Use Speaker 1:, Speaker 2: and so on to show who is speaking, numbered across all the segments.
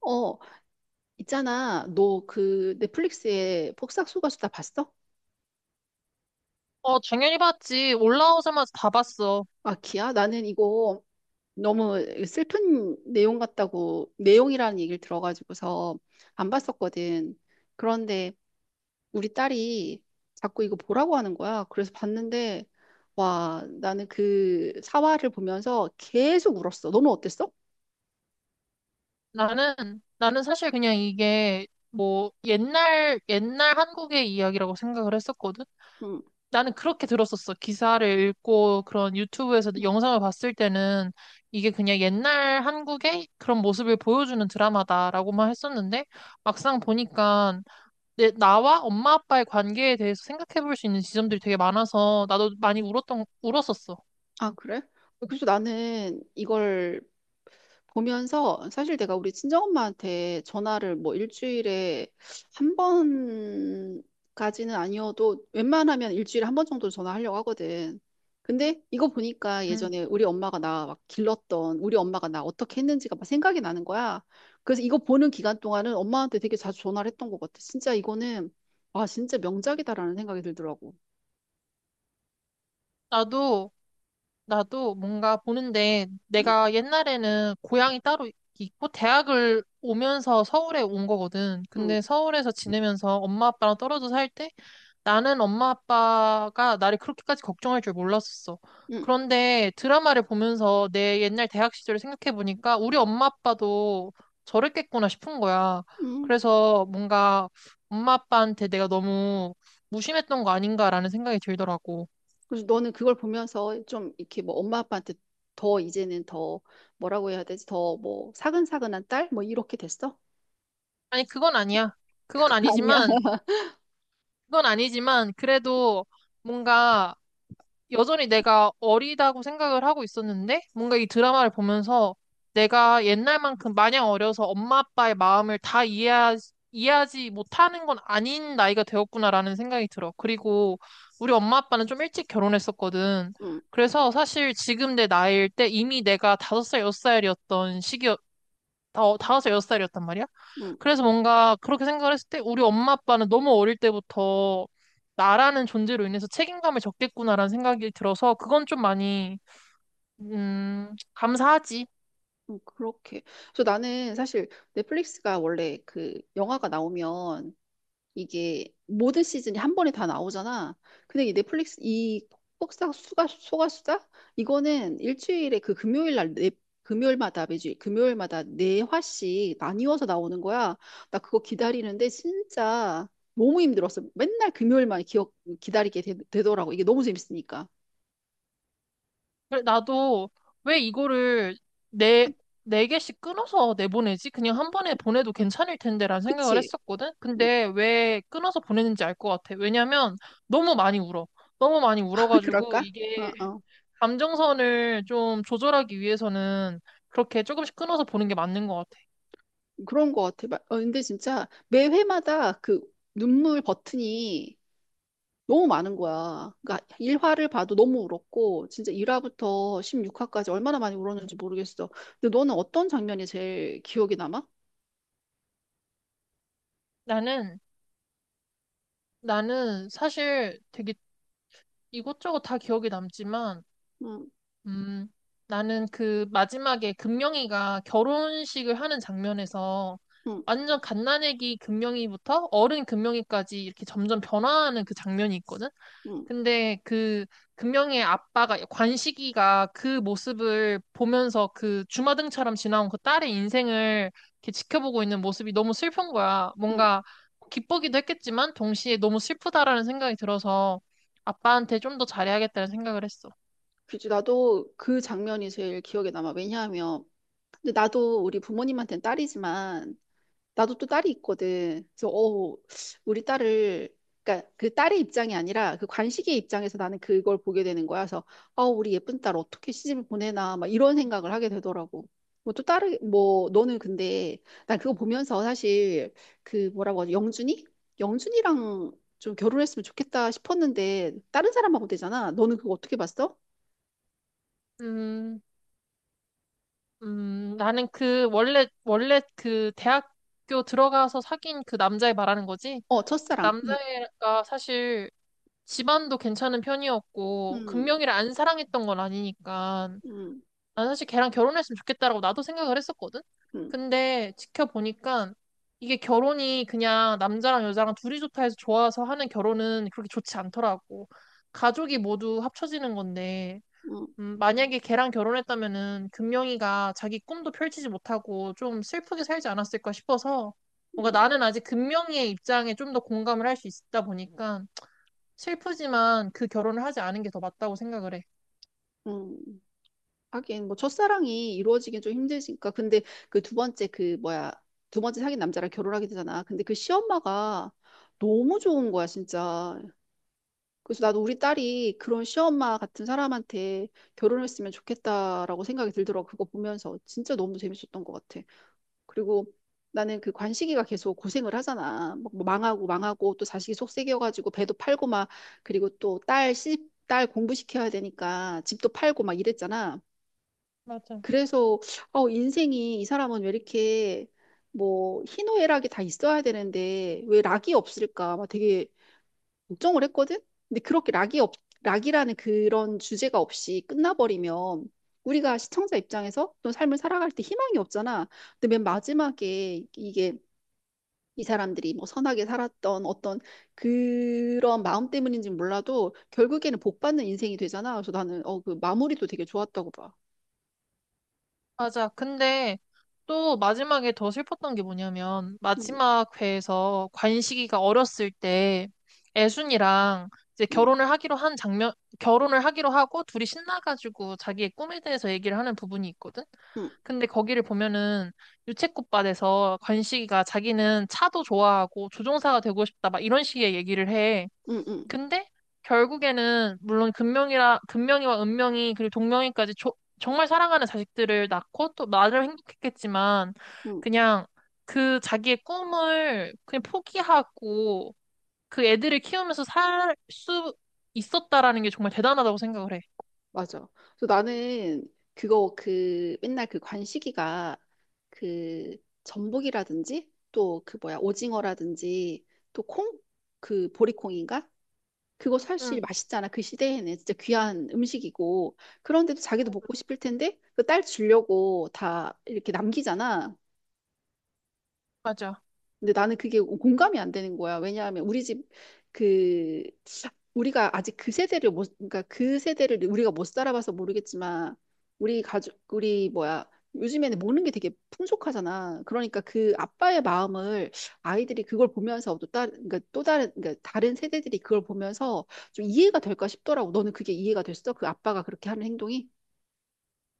Speaker 1: 어, 있잖아. 너 그 넷플릭스에 폭싹소가수 다 봤어?
Speaker 2: 당연히 봤지. 올라오자마자 다 봤어.
Speaker 1: 아, 기야? 나는 이거 너무 슬픈 내용 같다고, 내용이라는 얘기를 들어가지고서 안 봤었거든. 그런데 우리 딸이 자꾸 이거 보라고 하는 거야. 그래서 봤는데, 와, 나는 그 사화를 보면서 계속 울었어. 너는 어땠어?
Speaker 2: 나는, 나는 사실 그냥 이게 뭐 옛날 한국의 이야기라고 생각을 했었거든?
Speaker 1: 응.
Speaker 2: 나는 그렇게 들었었어. 기사를 읽고 그런 유튜브에서 영상을 봤을 때는 이게 그냥 옛날 한국의 그런 모습을 보여주는 드라마다라고만 했었는데 막상 보니까 나와 엄마 아빠의 관계에 대해서 생각해 볼 수 있는 지점들이 되게 많아서 나도 많이 울었었어.
Speaker 1: 아, 그래? 그래서 나는 이걸 보면서 사실 내가 우리 친정엄마한테 전화를 뭐 일주일에 한 번까지는 아니어도 웬만하면 일주일에 한 번 정도 전화하려고 하거든. 근데 이거 보니까
Speaker 2: 음.
Speaker 1: 예전에 우리 엄마가 나 막 길렀던 우리 엄마가 나 어떻게 했는지가 막 생각이 나는 거야. 그래서 이거 보는 기간 동안은 엄마한테 되게 자주 전화를 했던 것 같아. 진짜 이거는 와 진짜 명작이다라는 생각이 들더라고.
Speaker 2: 나도 나도 뭔가 보는데
Speaker 1: 응,
Speaker 2: 내가 옛날에는 고향이 따로 있고 대학을 오면서 서울에 온 거거든.
Speaker 1: 응,
Speaker 2: 근데 서울에서 지내면서 엄마 아빠랑 떨어져 살 때 나는 엄마 아빠가 나를 그렇게까지 걱정할 줄 몰랐었어.
Speaker 1: 응,
Speaker 2: 그런데 드라마를 보면서 내 옛날 대학 시절을 생각해 보니까 우리 엄마 아빠도 저랬겠구나 싶은 거야.
Speaker 1: 응.
Speaker 2: 그래서 뭔가 엄마 아빠한테 내가 너무 무심했던 거 아닌가라는 생각이 들더라고.
Speaker 1: 그래서 너는 그걸 보면서 좀 이렇게 뭐 엄마 아빠한테 더 이제는 더 뭐라고 해야 되지? 더 뭐 사근사근한 딸? 뭐 이렇게 됐어?
Speaker 2: 아니, 그건 아니야. 그건
Speaker 1: 그건 아니야.
Speaker 2: 아니지만 그건 아니지만 그래도 뭔가 여전히 내가 어리다고 생각을 하고 있었는데 뭔가 이 드라마를 보면서 내가 옛날만큼 마냥 어려서 엄마 아빠의 마음을 다 이해하지 못하는 건 아닌 나이가 되었구나라는 생각이 들어. 그리고 우리 엄마 아빠는 좀 일찍 결혼했었거든.
Speaker 1: 응,
Speaker 2: 그래서 사실 지금 내 나이일 때 이미 내가 다섯 살 여섯 살이었던 다섯 살 여섯 살이었단 말이야.
Speaker 1: 응,
Speaker 2: 그래서 뭔가 그렇게 생각을 했을 때 우리 엄마 아빠는 너무 어릴 때부터 나라는 존재로 인해서 책임감을 졌겠구나라는 생각이 들어서 그건 좀 많이 감사하지.
Speaker 1: 응, 그렇게. 그래서 나는 사실 넷플릭스가 원래 그 영화가 나오면 이게 모든 시즌이 한 번에 다 나오잖아. 근데 이 넷플릭스 이 폭싹 수가 소가수다 이거는 일주일에 그 금요일 날 네, 금요일마다 매주 금요일마다 네 화씩 나뉘어서 나오는 거야. 나 그거 기다리는데 진짜 너무 힘들었어. 맨날 금요일만 기억 기다리게 되, 더라고 이게 너무 재밌으니까.
Speaker 2: 그래, 나도 왜 이거를 네, 네 개씩 끊어서 내보내지? 그냥 한 번에 보내도 괜찮을 텐데라는 생각을
Speaker 1: 그치?
Speaker 2: 했었거든?
Speaker 1: 응.
Speaker 2: 근데 왜 끊어서 보내는지 알 것 같아. 왜냐면 너무 많이 울어. 너무 많이 울어가지고
Speaker 1: 그럴까?
Speaker 2: 이게
Speaker 1: 어, 어.
Speaker 2: 감정선을 좀 조절하기 위해서는 그렇게 조금씩 끊어서 보는 게 맞는 것 같아.
Speaker 1: 그런 거 같아. 어, 근데 진짜 매 회마다 그 눈물 버튼이 너무 많은 거야. 그러니까 1화를 봐도 너무 울었고 진짜 1화부터 16화까지 얼마나 많이 울었는지 모르겠어. 근데 너는 어떤 장면이 제일 기억에 남아?
Speaker 2: 나는, 나는 사실 되게 이것저것 다 기억에 남지만
Speaker 1: 응,
Speaker 2: 음, 나는 그 마지막에 금명이가 결혼식을 하는 장면에서
Speaker 1: 응,
Speaker 2: 완전 갓난아기 금명이부터 어른 금명이까지 이렇게 점점 변화하는 그 장면이 있거든?
Speaker 1: 응,
Speaker 2: 근데 그 금명이의 아빠가, 관식이가 그 모습을 보면서 그 주마등처럼 지나온 그 딸의 인생을 이렇게 지켜보고 있는 모습이 너무 슬픈 거야.
Speaker 1: 응.
Speaker 2: 뭔가 기쁘기도 했겠지만 동시에 너무 슬프다라는 생각이 들어서 아빠한테 좀 더 잘해야겠다는 생각을 했어.
Speaker 1: 그치, 나도 그 장면이 제일 기억에 남아. 왜냐하면 근데 나도 우리 부모님한테는 딸이지만 나도 또 딸이 있거든. 그래서 어 우리 딸을 그러니까 그 딸의 입장이 아니라 그 관식의 입장에서 나는 그걸 보게 되는 거야. 그래서 아 우리 예쁜 딸 어떻게 시집을 보내나 막 이런 생각을 하게 되더라고. 뭐 또 딸이 뭐 너는 근데 난 그거 보면서 사실 그 뭐라고 하지 영준이? 영준이랑 좀 결혼했으면 좋겠다 싶었는데 다른 사람하고 되잖아. 너는 그거 어떻게 봤어?
Speaker 2: 음. 나는 그, 원래 그 대학교 들어가서 사귄 그 남자애 말하는 거지?
Speaker 1: 어
Speaker 2: 그
Speaker 1: 첫사랑.
Speaker 2: 남자애가 사실 집안도 괜찮은 편이었고,
Speaker 1: 음,
Speaker 2: 금명이를 안 사랑했던 건 아니니까,
Speaker 1: 음,
Speaker 2: 난 사실 걔랑 결혼했으면 좋겠다라고 나도 생각을 했었거든?
Speaker 1: 음,
Speaker 2: 근데 지켜보니까, 이게 결혼이 그냥 남자랑 여자랑 둘이 좋다 해서 좋아서 하는 결혼은 그렇게 좋지 않더라고. 가족이 모두 합쳐지는 건데,
Speaker 1: 음,
Speaker 2: 만약에 걔랑 결혼했다면은 금명이가 자기 꿈도 펼치지 못하고 좀 슬프게 살지 않았을까 싶어서 뭔가
Speaker 1: 음,
Speaker 2: 나는 아직 금명이의 입장에 좀 더 공감을 할 수 있다 보니까 슬프지만 그 결혼을 하지 않은 게 더 맞다고 생각을 해.
Speaker 1: 음. 하긴 뭐 첫사랑이 이루어지긴 좀 힘들니까 근데 그 두 번째 그 뭐야 두 번째 사귄 남자랑 결혼하게 되잖아 근데 그 시엄마가 너무 좋은 거야 진짜 그래서 나도 우리 딸이 그런 시엄마 같은 사람한테 결혼했으면 좋겠다라고 생각이 들더라고 그거 보면서 진짜 너무 재밌었던 것 같아 그리고 나는 그 관식이가 계속 고생을 하잖아 막뭐 망하고 망하고 또 자식이 속썩여가지고 배도 팔고 막 그리고 또 딸 시딸 공부시켜야 되니까 집도 팔고 막 이랬잖아
Speaker 2: 맞아.
Speaker 1: 그래서 어, 인생이 이 사람은 왜 이렇게 뭐 희노애락이 다 있어야 되는데 왜 락이 없을까 막 되게 걱정을 했거든. 근데 그렇게 락이라는 그런 주제가 없이 끝나버리면 우리가 시청자 입장에서 또 삶을 살아갈 때 희망이 없잖아. 근데 맨 마지막에 이게 이 사람들이 뭐 선하게 살았던 어떤 그런 마음 때문인지 몰라도 결국에는 복 받는 인생이 되잖아. 그래서 나는 어, 그 마무리도 되게 좋았다고 봐.
Speaker 2: 맞아. 근데 또 마지막에 더 슬펐던 게 뭐냐면
Speaker 1: 음,
Speaker 2: 마지막 회에서 관식이가 어렸을 때 애순이랑 이제
Speaker 1: 음,
Speaker 2: 결혼을 하기로 한 장면, 결혼을 하기로 하고 둘이 신나가지고 자기의 꿈에 대해서 얘기를 하는 부분이 있거든.
Speaker 1: 음,
Speaker 2: 근데 거기를 보면은 유채꽃밭에서 관식이가 자기는 차도 좋아하고 조종사가 되고 싶다 막 이런 식의 얘기를 해.
Speaker 1: 음, 음.
Speaker 2: 근데 결국에는 물론 금명이라 금명이와 은명이 그리고 동명이까지 정말 사랑하는 자식들을 낳고 또 나름 행복했겠지만
Speaker 1: 응,
Speaker 2: 그냥 그 자기의 꿈을 그냥 포기하고 그 애들을 키우면서 살 수 있었다라는 게 정말 대단하다고 생각을 해.
Speaker 1: 맞아. 그래서 나는 그거 그 맨날 그 관식이가 그 전복이라든지 또 그 뭐야 오징어라든지 또 콩? 그 보리콩인가? 그거 사실
Speaker 2: 응,
Speaker 1: 맛있잖아. 그 시대에는 진짜 귀한 음식이고 그런데도 자기도 먹고 싶을 텐데 그 딸 주려고 다 이렇게 남기잖아.
Speaker 2: 맞아.
Speaker 1: 근데 나는 그게 공감이 안 되는 거야. 왜냐하면 우리 집 그 우리가 아직 그 세대를 못 그러니까 그 세대를 우리가 못 살아봐서 모르겠지만 우리 가족 우리 뭐야 요즘에는 먹는 게 되게 풍족하잖아. 그러니까 그 아빠의 마음을 아이들이 그걸 보면서 또 다른 그러니까 또 다른 그러니까 다른 세대들이 그걸 보면서 좀 이해가 될까 싶더라고. 너는 그게 이해가 됐어? 그 아빠가 그렇게 하는 행동이?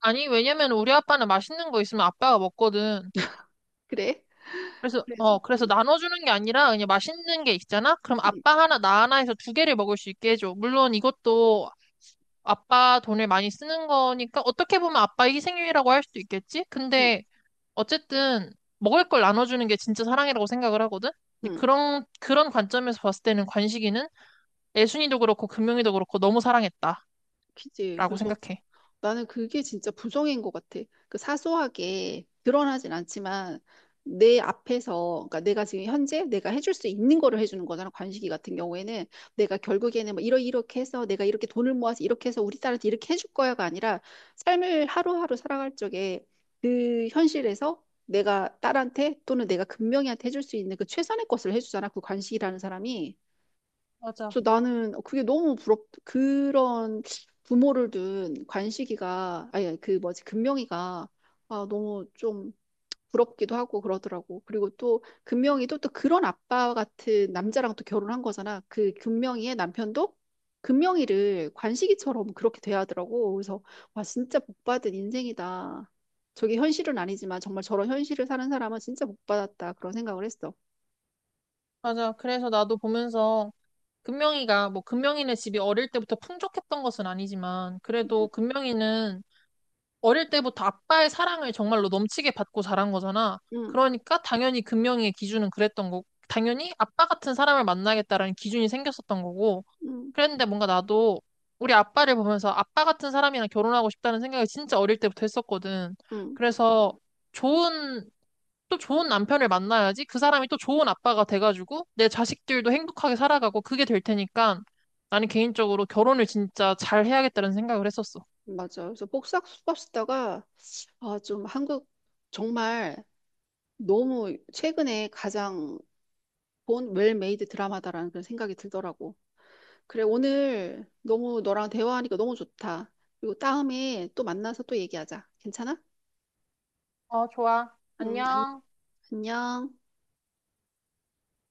Speaker 2: 아니, 왜냐면 우리 아빠는 맛있는 거 있으면 아빠가 먹거든.
Speaker 1: 그래? 그래서
Speaker 2: 그래서
Speaker 1: 응
Speaker 2: 나눠주는 게 아니라 그냥 맛있는 게 있잖아? 그럼
Speaker 1: 응
Speaker 2: 아빠 하나, 나 하나 해서 두 개를 먹을 수 있게 해줘. 물론 이것도 아빠 돈을 많이 쓰는 거니까 어떻게 보면 아빠 희생이라고 할 수도 있겠지?
Speaker 1: 응
Speaker 2: 근데 어쨌든 먹을 걸 나눠주는 게 진짜 사랑이라고 생각을 하거든? 근데
Speaker 1: 응,
Speaker 2: 그런 관점에서 봤을 때는 관식이는 애순이도 그렇고 금용이도 그렇고 너무 사랑했다라고
Speaker 1: 그치. 그래서
Speaker 2: 생각해.
Speaker 1: 나는 그게 진짜 부정인 것 같아. 그 사소하게 드러나진 않지만 내 앞에서, 그러니까 내가 지금 현재 내가 해줄 수 있는 거를 해주는 거잖아. 관식이 같은 경우에는 내가 결국에는 뭐 이러 이렇게 해서 내가 이렇게 돈을 모아서 이렇게 해서 우리 딸한테 이렇게 해줄 거야가 아니라 삶을 하루하루 살아갈 적에 그 현실에서 내가 딸한테 또는 내가 금명이한테 해줄 수 있는 그 최선의 것을 해주잖아. 그 관식이라는 사람이.
Speaker 2: 맞아.
Speaker 1: 저 나는 그게 너무 부럽, 그런 부모를 둔 관식이가, 아니, 아니, 그 뭐지, 금명이가, 아, 너무 좀 부럽기도 하고 그러더라고. 그리고 또 금명이도 또 그런 아빠 같은 남자랑 또 결혼한 거잖아. 그 금명이의 남편도 금명이를 관식이처럼 그렇게 대하더라고. 그래서, 와, 진짜 복 받은 인생이다. 저게 현실은 아니지만 정말 저런 현실을 사는 사람은 진짜 복 받았다. 그런 생각을 했어.
Speaker 2: 맞아. 그래서 나도 보면서 금명이가 뭐 금명이네 집이 어릴 때부터 풍족했던 것은 아니지만 그래도 금명이는 어릴 때부터 아빠의 사랑을 정말로 넘치게 받고 자란 거잖아.
Speaker 1: 응,
Speaker 2: 그러니까 당연히 금명이의 기준은 그랬던 거고 당연히 아빠 같은 사람을 만나겠다라는 기준이 생겼었던 거고
Speaker 1: 응, 응.
Speaker 2: 그랬는데 뭔가 나도 우리 아빠를 보면서 아빠 같은 사람이랑 결혼하고 싶다는 생각을 진짜 어릴 때부터 했었거든.
Speaker 1: 응.
Speaker 2: 그래서 좋은 또 좋은 남편을 만나야지 그 사람이 또 좋은 아빠가 돼가지고 내 자식들도 행복하게 살아가고 그게 될 테니까 나는 개인적으로 결혼을 진짜 잘 해야겠다는 생각을 했었어.
Speaker 1: 맞아. 그래서 복싹 수박 쓰다가 아, 좀 한국 정말 너무 최근에 가장 본 웰메이드 드라마다라는 그런 생각이 들더라고. 그래, 오늘 너무 너랑 대화하니까 너무 좋다. 그리고 다음에 또 만나서 또 얘기하자. 괜찮아?
Speaker 2: 어, 좋아.
Speaker 1: 음, 안-
Speaker 2: 안녕.
Speaker 1: 안녕.